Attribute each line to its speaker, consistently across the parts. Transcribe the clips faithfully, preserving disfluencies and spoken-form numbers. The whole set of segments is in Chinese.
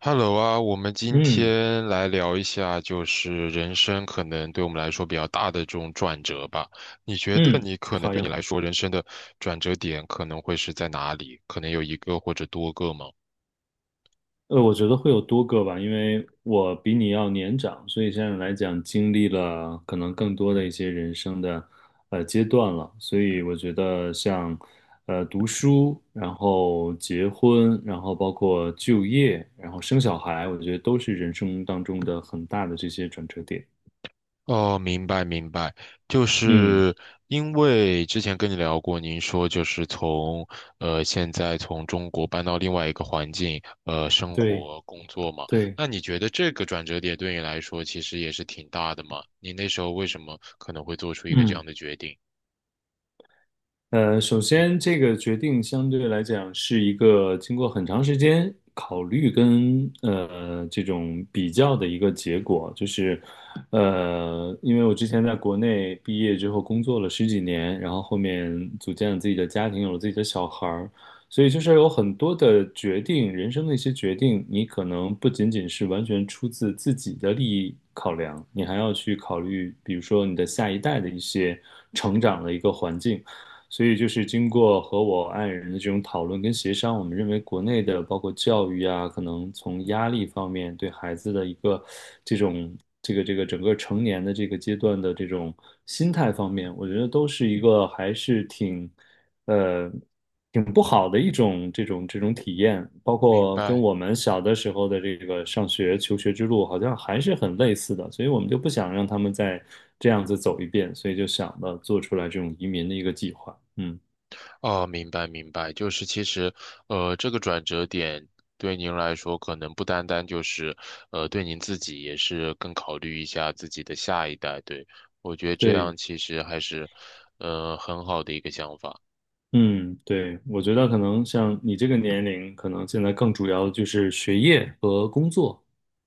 Speaker 1: Hello 啊，我们今
Speaker 2: 嗯
Speaker 1: 天来聊一下，就是人生可能对我们来说比较大的这种转折吧。你觉得
Speaker 2: 嗯，
Speaker 1: 你可能
Speaker 2: 好
Speaker 1: 对你
Speaker 2: 呀。
Speaker 1: 来说人生的转折点可能会是在哪里？可能有一个或者多个吗？
Speaker 2: 呃，我觉得会有多个吧，因为我比你要年长，所以现在来讲经历了可能更多的一些人生的呃阶段了。所以我觉得像呃读书，然后结婚，然后包括就业，然后生小孩，我觉得都是人生当中的很大的这些转折点。
Speaker 1: 哦，明白明白，就
Speaker 2: 嗯，
Speaker 1: 是因为之前跟你聊过，您说就是从呃现在从中国搬到另外一个环境，呃生
Speaker 2: 对
Speaker 1: 活工作嘛，
Speaker 2: 对，
Speaker 1: 那你觉得这个转折点对你来说其实也是挺大的嘛？你那时候为什么可能会做出一个这
Speaker 2: 嗯。
Speaker 1: 样的决定？
Speaker 2: 呃，首先这个决定相对来讲是一个经过很长时间考虑跟呃这种比较的一个结果，就是呃，因为我之前在国内毕业之后工作了十几年，然后后面组建了自己的家庭，有了自己的小孩儿，所以就是有很多的决定，人生的一些决定，你可能不仅仅是完全出自自己的利益考量，你还要去考虑，比如说你的下一代的一些成长的一个环境。所以就是经过和我爱人的这种讨论跟协商，我们认为国内的包括教育啊，可能从压力方面对孩子的一个这种这个这个整个成年的这个阶段的这种心态方面，我觉得都是一个还是挺呃挺不好的一种这种这种体验，包
Speaker 1: 明
Speaker 2: 括跟
Speaker 1: 白。
Speaker 2: 我们小的时候的这个上学求学之路好像还是很类似的，所以我们就不想让他们再这样子走一遍，所以就想到做出来这种移民的一个计划。嗯，
Speaker 1: 哦，明白明白，就是其实，呃，这个转折点对您来说，可能不单单就是，呃，对您自己也是更考虑一下自己的下一代。对，我觉得这
Speaker 2: 对，
Speaker 1: 样其实还是，呃，很好的一个想法。
Speaker 2: 嗯，对，我觉得可能像你这个年龄，可能现在更主要的就是学业和工作，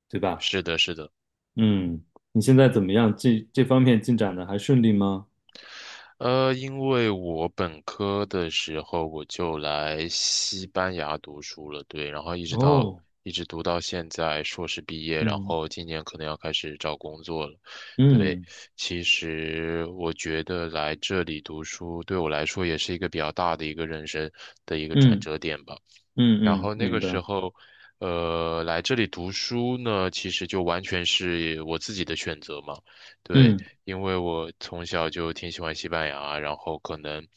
Speaker 2: 对吧？
Speaker 1: 是的，是的。
Speaker 2: 嗯，你现在怎么样？这这方面进展的还顺利吗？
Speaker 1: 呃，因为我本科的时候我就来西班牙读书了，对，然后一直到
Speaker 2: 哦，
Speaker 1: 一直读到现在硕士毕业，然
Speaker 2: 嗯
Speaker 1: 后今年可能要开始找工作了。对，
Speaker 2: 嗯
Speaker 1: 其实我觉得来这里读书对我来说也是一个比较大的一个人生的一个转
Speaker 2: 嗯
Speaker 1: 折点吧。
Speaker 2: 嗯
Speaker 1: 然
Speaker 2: 嗯，
Speaker 1: 后那
Speaker 2: 明
Speaker 1: 个时
Speaker 2: 白。
Speaker 1: 候，呃，来这里读书呢，其实就完全是我自己的选择嘛。对，
Speaker 2: 嗯
Speaker 1: 因为我从小就挺喜欢西班牙，然后可能，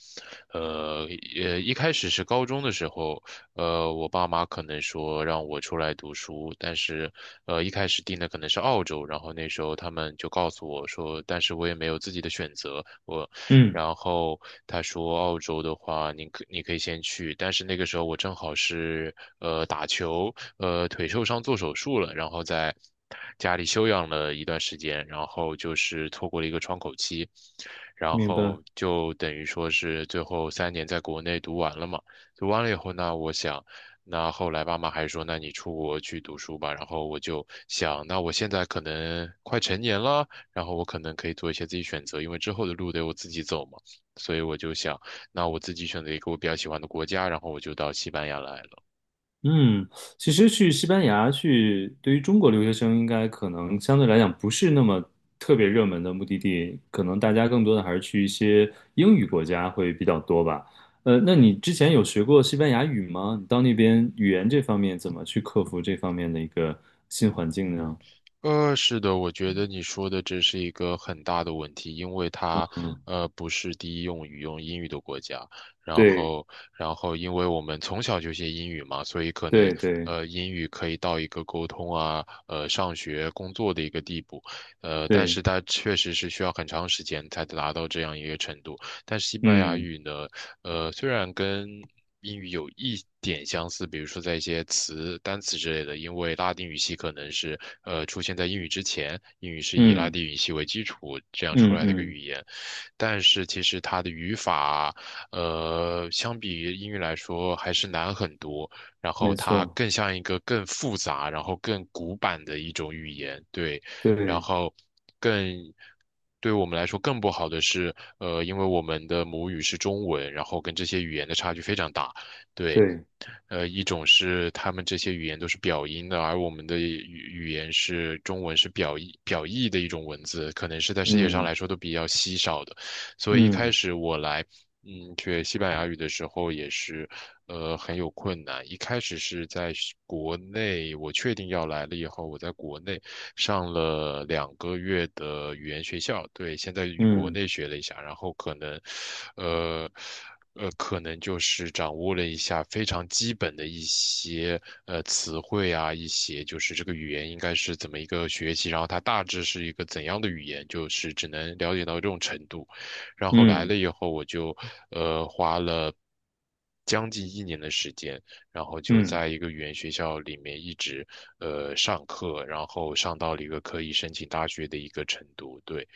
Speaker 1: 呃，呃，一开始是高中的时候，呃，我爸妈可能说让我出来读书，但是，呃，一开始定的可能是澳洲，然后那时候他们就告诉我说，但是我也没有自己的选择，我。
Speaker 2: 嗯，
Speaker 1: 然后他说澳洲的话，你可你可以先去，但是那个时候我正好是呃打球，呃腿受伤做手术了，然后在家里休养了一段时间，然后就是错过了一个窗口期，然
Speaker 2: 明白。
Speaker 1: 后就等于说是最后三年在国内读完了嘛，读完了以后呢，我想。那后来爸妈还说，那你出国去读书吧。然后我就想，那我现在可能快成年了，然后我可能可以做一些自己选择，因为之后的路得我自己走嘛。所以我就想，那我自己选择一个我比较喜欢的国家，然后我就到西班牙来了。
Speaker 2: 嗯，其实去西班牙去，对于中国留学生应该可能相对来讲不是那么特别热门的目的地，可能大家更多的还是去一些英语国家会比较多吧。呃，那你之前有学过西班牙语吗？你到那边语言这方面怎么去克服这方面的一个新环境呢？
Speaker 1: 呃，是的，我觉得你说的这是一个很大的问题，因为它
Speaker 2: 嗯，
Speaker 1: 呃不是第一用语用英语的国家，然
Speaker 2: 对
Speaker 1: 后然后因为我们从小就学英语嘛，所以可能
Speaker 2: 对对
Speaker 1: 呃英语可以到一个沟通啊，呃上学工作的一个地步，呃，但是
Speaker 2: 对，
Speaker 1: 它确实是需要很长时间才达到这样一个程度。但是西班牙
Speaker 2: 嗯
Speaker 1: 语呢，呃虽然跟英语有一点相似，比如说在一些词、单词之类的，因为拉丁语系可能是呃出现在英语之前，英语是以拉
Speaker 2: 嗯
Speaker 1: 丁语系为基础这样出
Speaker 2: 嗯
Speaker 1: 来的一个
Speaker 2: 嗯，
Speaker 1: 语言，但是其实它的语法，呃，相比于英语来说还是难很多，然后
Speaker 2: 没
Speaker 1: 它
Speaker 2: 错，
Speaker 1: 更像一个更复杂，然后更古板的一种语言，对，然
Speaker 2: 对
Speaker 1: 后更。对我们来说更不好的是，呃，因为我们的母语是中文，然后跟这些语言的差距非常大。对，
Speaker 2: 对，
Speaker 1: 呃，一种是他们这些语言都是表音的，而我们的语语言是中文是表意表意的一种文字，可能是在世界上
Speaker 2: 嗯
Speaker 1: 来说都比较稀少的。所以一开
Speaker 2: 嗯
Speaker 1: 始我来，嗯，学西班牙语的时候也是，呃，很有困难。一开始是在是国内，我确定要来了以后，我在国内上了两个月的语言学校，对，先在国
Speaker 2: 嗯。
Speaker 1: 内学了一下，然后可能，呃。呃，可能就是掌握了一下非常基本的一些呃词汇啊，一些就是这个语言应该是怎么一个学习，然后它大致是一个怎样的语言，就是只能了解到这种程度。然后来
Speaker 2: 嗯
Speaker 1: 了以后，我就呃花了将近一年的时间，然后就
Speaker 2: 嗯。
Speaker 1: 在一个语言学校里面一直呃上课，然后上到了一个可以申请大学的一个程度，对。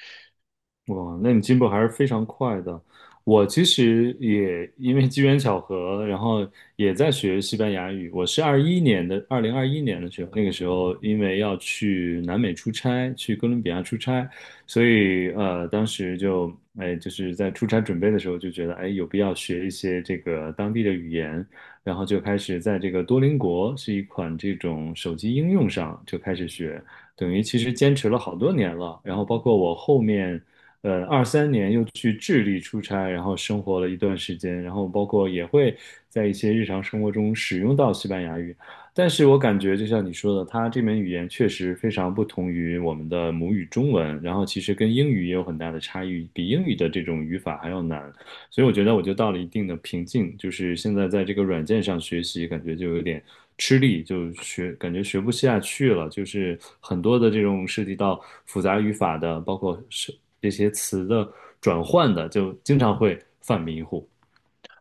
Speaker 2: 哇，那你进步还是非常快的。我其实也因为机缘巧合，然后也在学西班牙语。我是二一年的，二零二一年的时候，那个时候因为要去南美出差，去哥伦比亚出差，所以呃，当时就哎，就是在出差准备的时候就觉得哎，有必要学一些这个当地的语言，然后就开始在这个多邻国是一款这种手机应用上就开始学。等于其实坚持了好多年了，然后包括我后面呃，二三年又去智利出差，然后生活了一段时间，然后包括也会在一些日常生活中使用到西班牙语。但是我感觉，就像你说的，它这门语言确实非常不同于我们的母语中文，然后其实跟英语也有很大的差异，比英语的这种语法还要难。所以我觉得我就到了一定的瓶颈，就是现在在这个软件上学习，感觉就有点吃力，就学感觉学不下去了。就是很多的这种涉及到复杂语法的，包括是这些词的转换的，就经常会犯迷糊。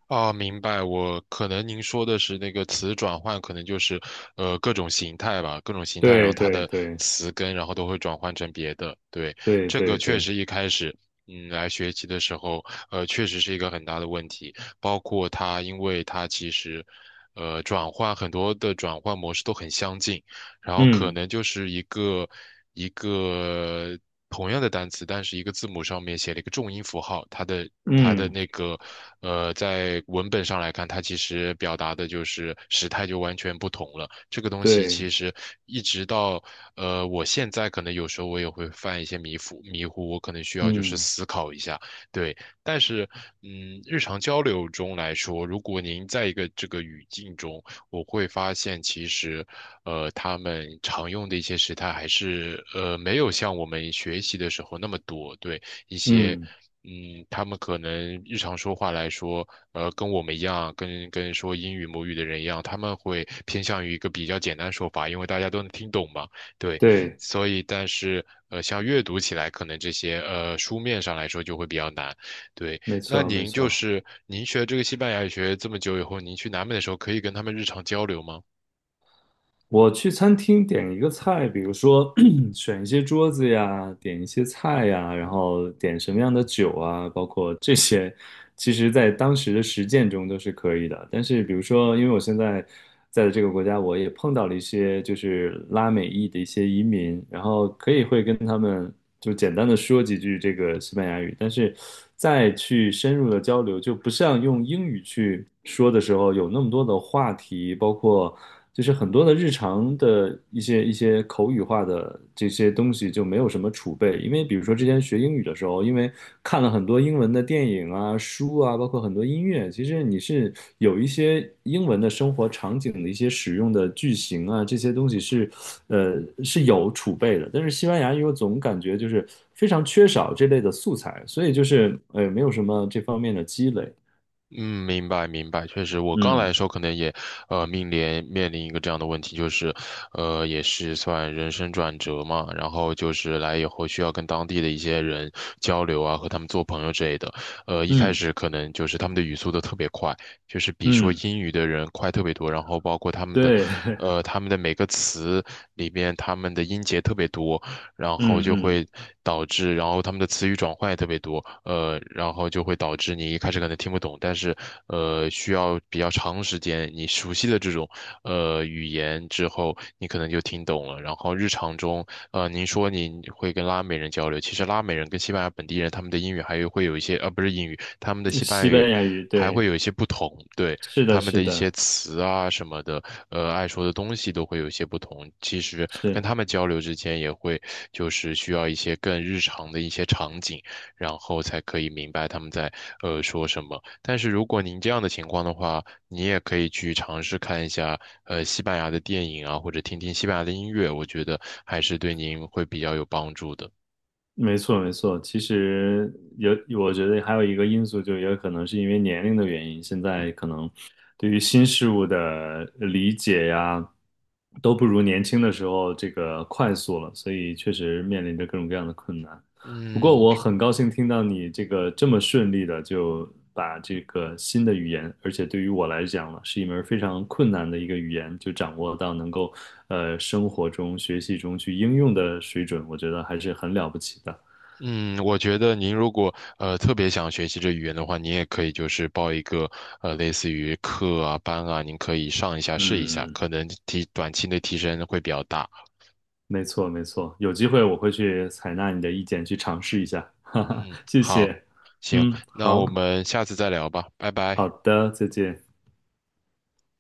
Speaker 1: 啊，明白。我可能您说的是那个词转换，可能就是呃各种形态吧，各种形态，然后
Speaker 2: 对
Speaker 1: 它
Speaker 2: 对
Speaker 1: 的
Speaker 2: 对
Speaker 1: 词根，然后都会转换成别的。对，
Speaker 2: 对
Speaker 1: 这个
Speaker 2: 对
Speaker 1: 确
Speaker 2: 对，
Speaker 1: 实一开始，嗯，来学习的时候，呃，确实是一个很大的问题。包括它，因为它其实，呃，转换很多的转换模式都很相近，然后可
Speaker 2: 嗯
Speaker 1: 能就是一个一个同样的单词，但是一个字母上面写了一个重音符号，它的它的
Speaker 2: 嗯
Speaker 1: 那个呃，在文本上来看，它其实表达的就是时态就完全不同了。这个东西
Speaker 2: 对
Speaker 1: 其实一直到呃，我现在可能有时候我也会犯一些迷糊迷糊，我可能需要就是
Speaker 2: 嗯
Speaker 1: 思考一下，对。但是嗯，日常交流中来说，如果您在一个这个语境中。我会发现其实，呃，他们常用的一些时态还是呃没有像我们学习的时候那么多。对一些，
Speaker 2: 嗯
Speaker 1: 嗯，他们可能日常说话来说，呃，跟我们一样，跟跟说英语母语的人一样，他们会偏向于一个比较简单的说法，因为大家都能听懂嘛。对，
Speaker 2: 对，
Speaker 1: 所以但是呃，像阅读起来，可能这些呃书面上来说就会比较难。对。
Speaker 2: 没
Speaker 1: 那
Speaker 2: 错没
Speaker 1: 您就
Speaker 2: 错。
Speaker 1: 是您学这个西班牙语学这么久以后，您去南美的时候可以跟他们日常交流吗？
Speaker 2: 我去餐厅点一个菜，比如说 选一些桌子呀，点一些菜呀，然后点什么样的酒啊，包括这些，其实在当时的实践中都是可以的。但是比如说，因为我现在在的这个国家，我也碰到了一些就是拉美裔的一些移民，然后可以会跟他们。就简单的说几句这个西班牙语，但是再去深入的交流，就不像用英语去说的时候有那么多的话题，包括就是很多的日常的一些一些口语化的这些东西就没有什么储备，因为比如说之前学英语的时候，因为看。看了很多英文的电影啊、书啊，包括很多音乐，其实你是有一些英文的生活场景的一些使用的句型啊，这些东西是，呃，是有储备的。但是西班牙语我总感觉就是非常缺少这类的素材，所以就是呃，没有什么这方面的积累。
Speaker 1: 嗯，明白明白，确实，我刚来
Speaker 2: 嗯
Speaker 1: 的时候可能也，呃，面临面临一个这样的问题，就是，呃，也是算人生转折嘛，然后就是来以后需要跟当地的一些人交流啊，和他们做朋友之类的，呃，一开
Speaker 2: 嗯
Speaker 1: 始可能就是他们的语速都特别快，就是比说
Speaker 2: 嗯，
Speaker 1: 英语的人快特别多，然后包括他们的，
Speaker 2: 对，
Speaker 1: 呃，他们的每个词里面他们的音节特别多，然后就
Speaker 2: 嗯
Speaker 1: 会导致，然后他们的词语转换也特别多，呃，然后就会导致你一开始可能听不懂，但是呃，需要比较长时间，你熟悉的这种呃语言之后，你可能就听懂了。然后日常中，呃，您说您会跟拉美人交流，其实拉美人跟西班牙本地人他们的英语还有会有一些，呃，不是英语，他们的
Speaker 2: 嗯，
Speaker 1: 西班牙
Speaker 2: 西
Speaker 1: 语
Speaker 2: 班牙语，
Speaker 1: 还
Speaker 2: 对，
Speaker 1: 会有一些不同，对。
Speaker 2: 是的，
Speaker 1: 他们
Speaker 2: 是
Speaker 1: 的一些
Speaker 2: 的，
Speaker 1: 词啊什么的，呃，爱说的东西都会有一些不同。其实跟
Speaker 2: 是。
Speaker 1: 他们交流之间也会，就是需要一些更日常的一些场景，然后才可以明白他们在呃说什么。但是如果您这样的情况的话，你也可以去尝试看一下呃西班牙的电影啊，或者听听西班牙的音乐，我觉得还是对您会比较有帮助的。
Speaker 2: 没错，没错。其实有，我觉得还有一个因素，就也有可能是因为年龄的原因，现在可能对于新事物的理解呀，都不如年轻的时候这个快速了，所以确实面临着各种各样的困难。不过
Speaker 1: 嗯，
Speaker 2: 我很高兴听到你这个这么顺利的就把这个新的语言，而且对于我来讲呢，是一门非常困难的一个语言，就掌握到能够呃生活中、学习中去应用的水准，我觉得还是很了不起的。
Speaker 1: 嗯，我觉得您如果呃特别想学习这语言的话，您也可以就是报一个呃类似于课啊班啊，您可以上一下试一下，
Speaker 2: 嗯，
Speaker 1: 可能提短期内提升会比较大。
Speaker 2: 没错没错，有机会我会去采纳你的意见，去尝试一下。哈哈，
Speaker 1: 嗯，
Speaker 2: 谢
Speaker 1: 好，
Speaker 2: 谢。
Speaker 1: 行，
Speaker 2: 嗯，
Speaker 1: 那
Speaker 2: 好，
Speaker 1: 我们下次再聊吧，拜
Speaker 2: 好
Speaker 1: 拜。
Speaker 2: 的，再见。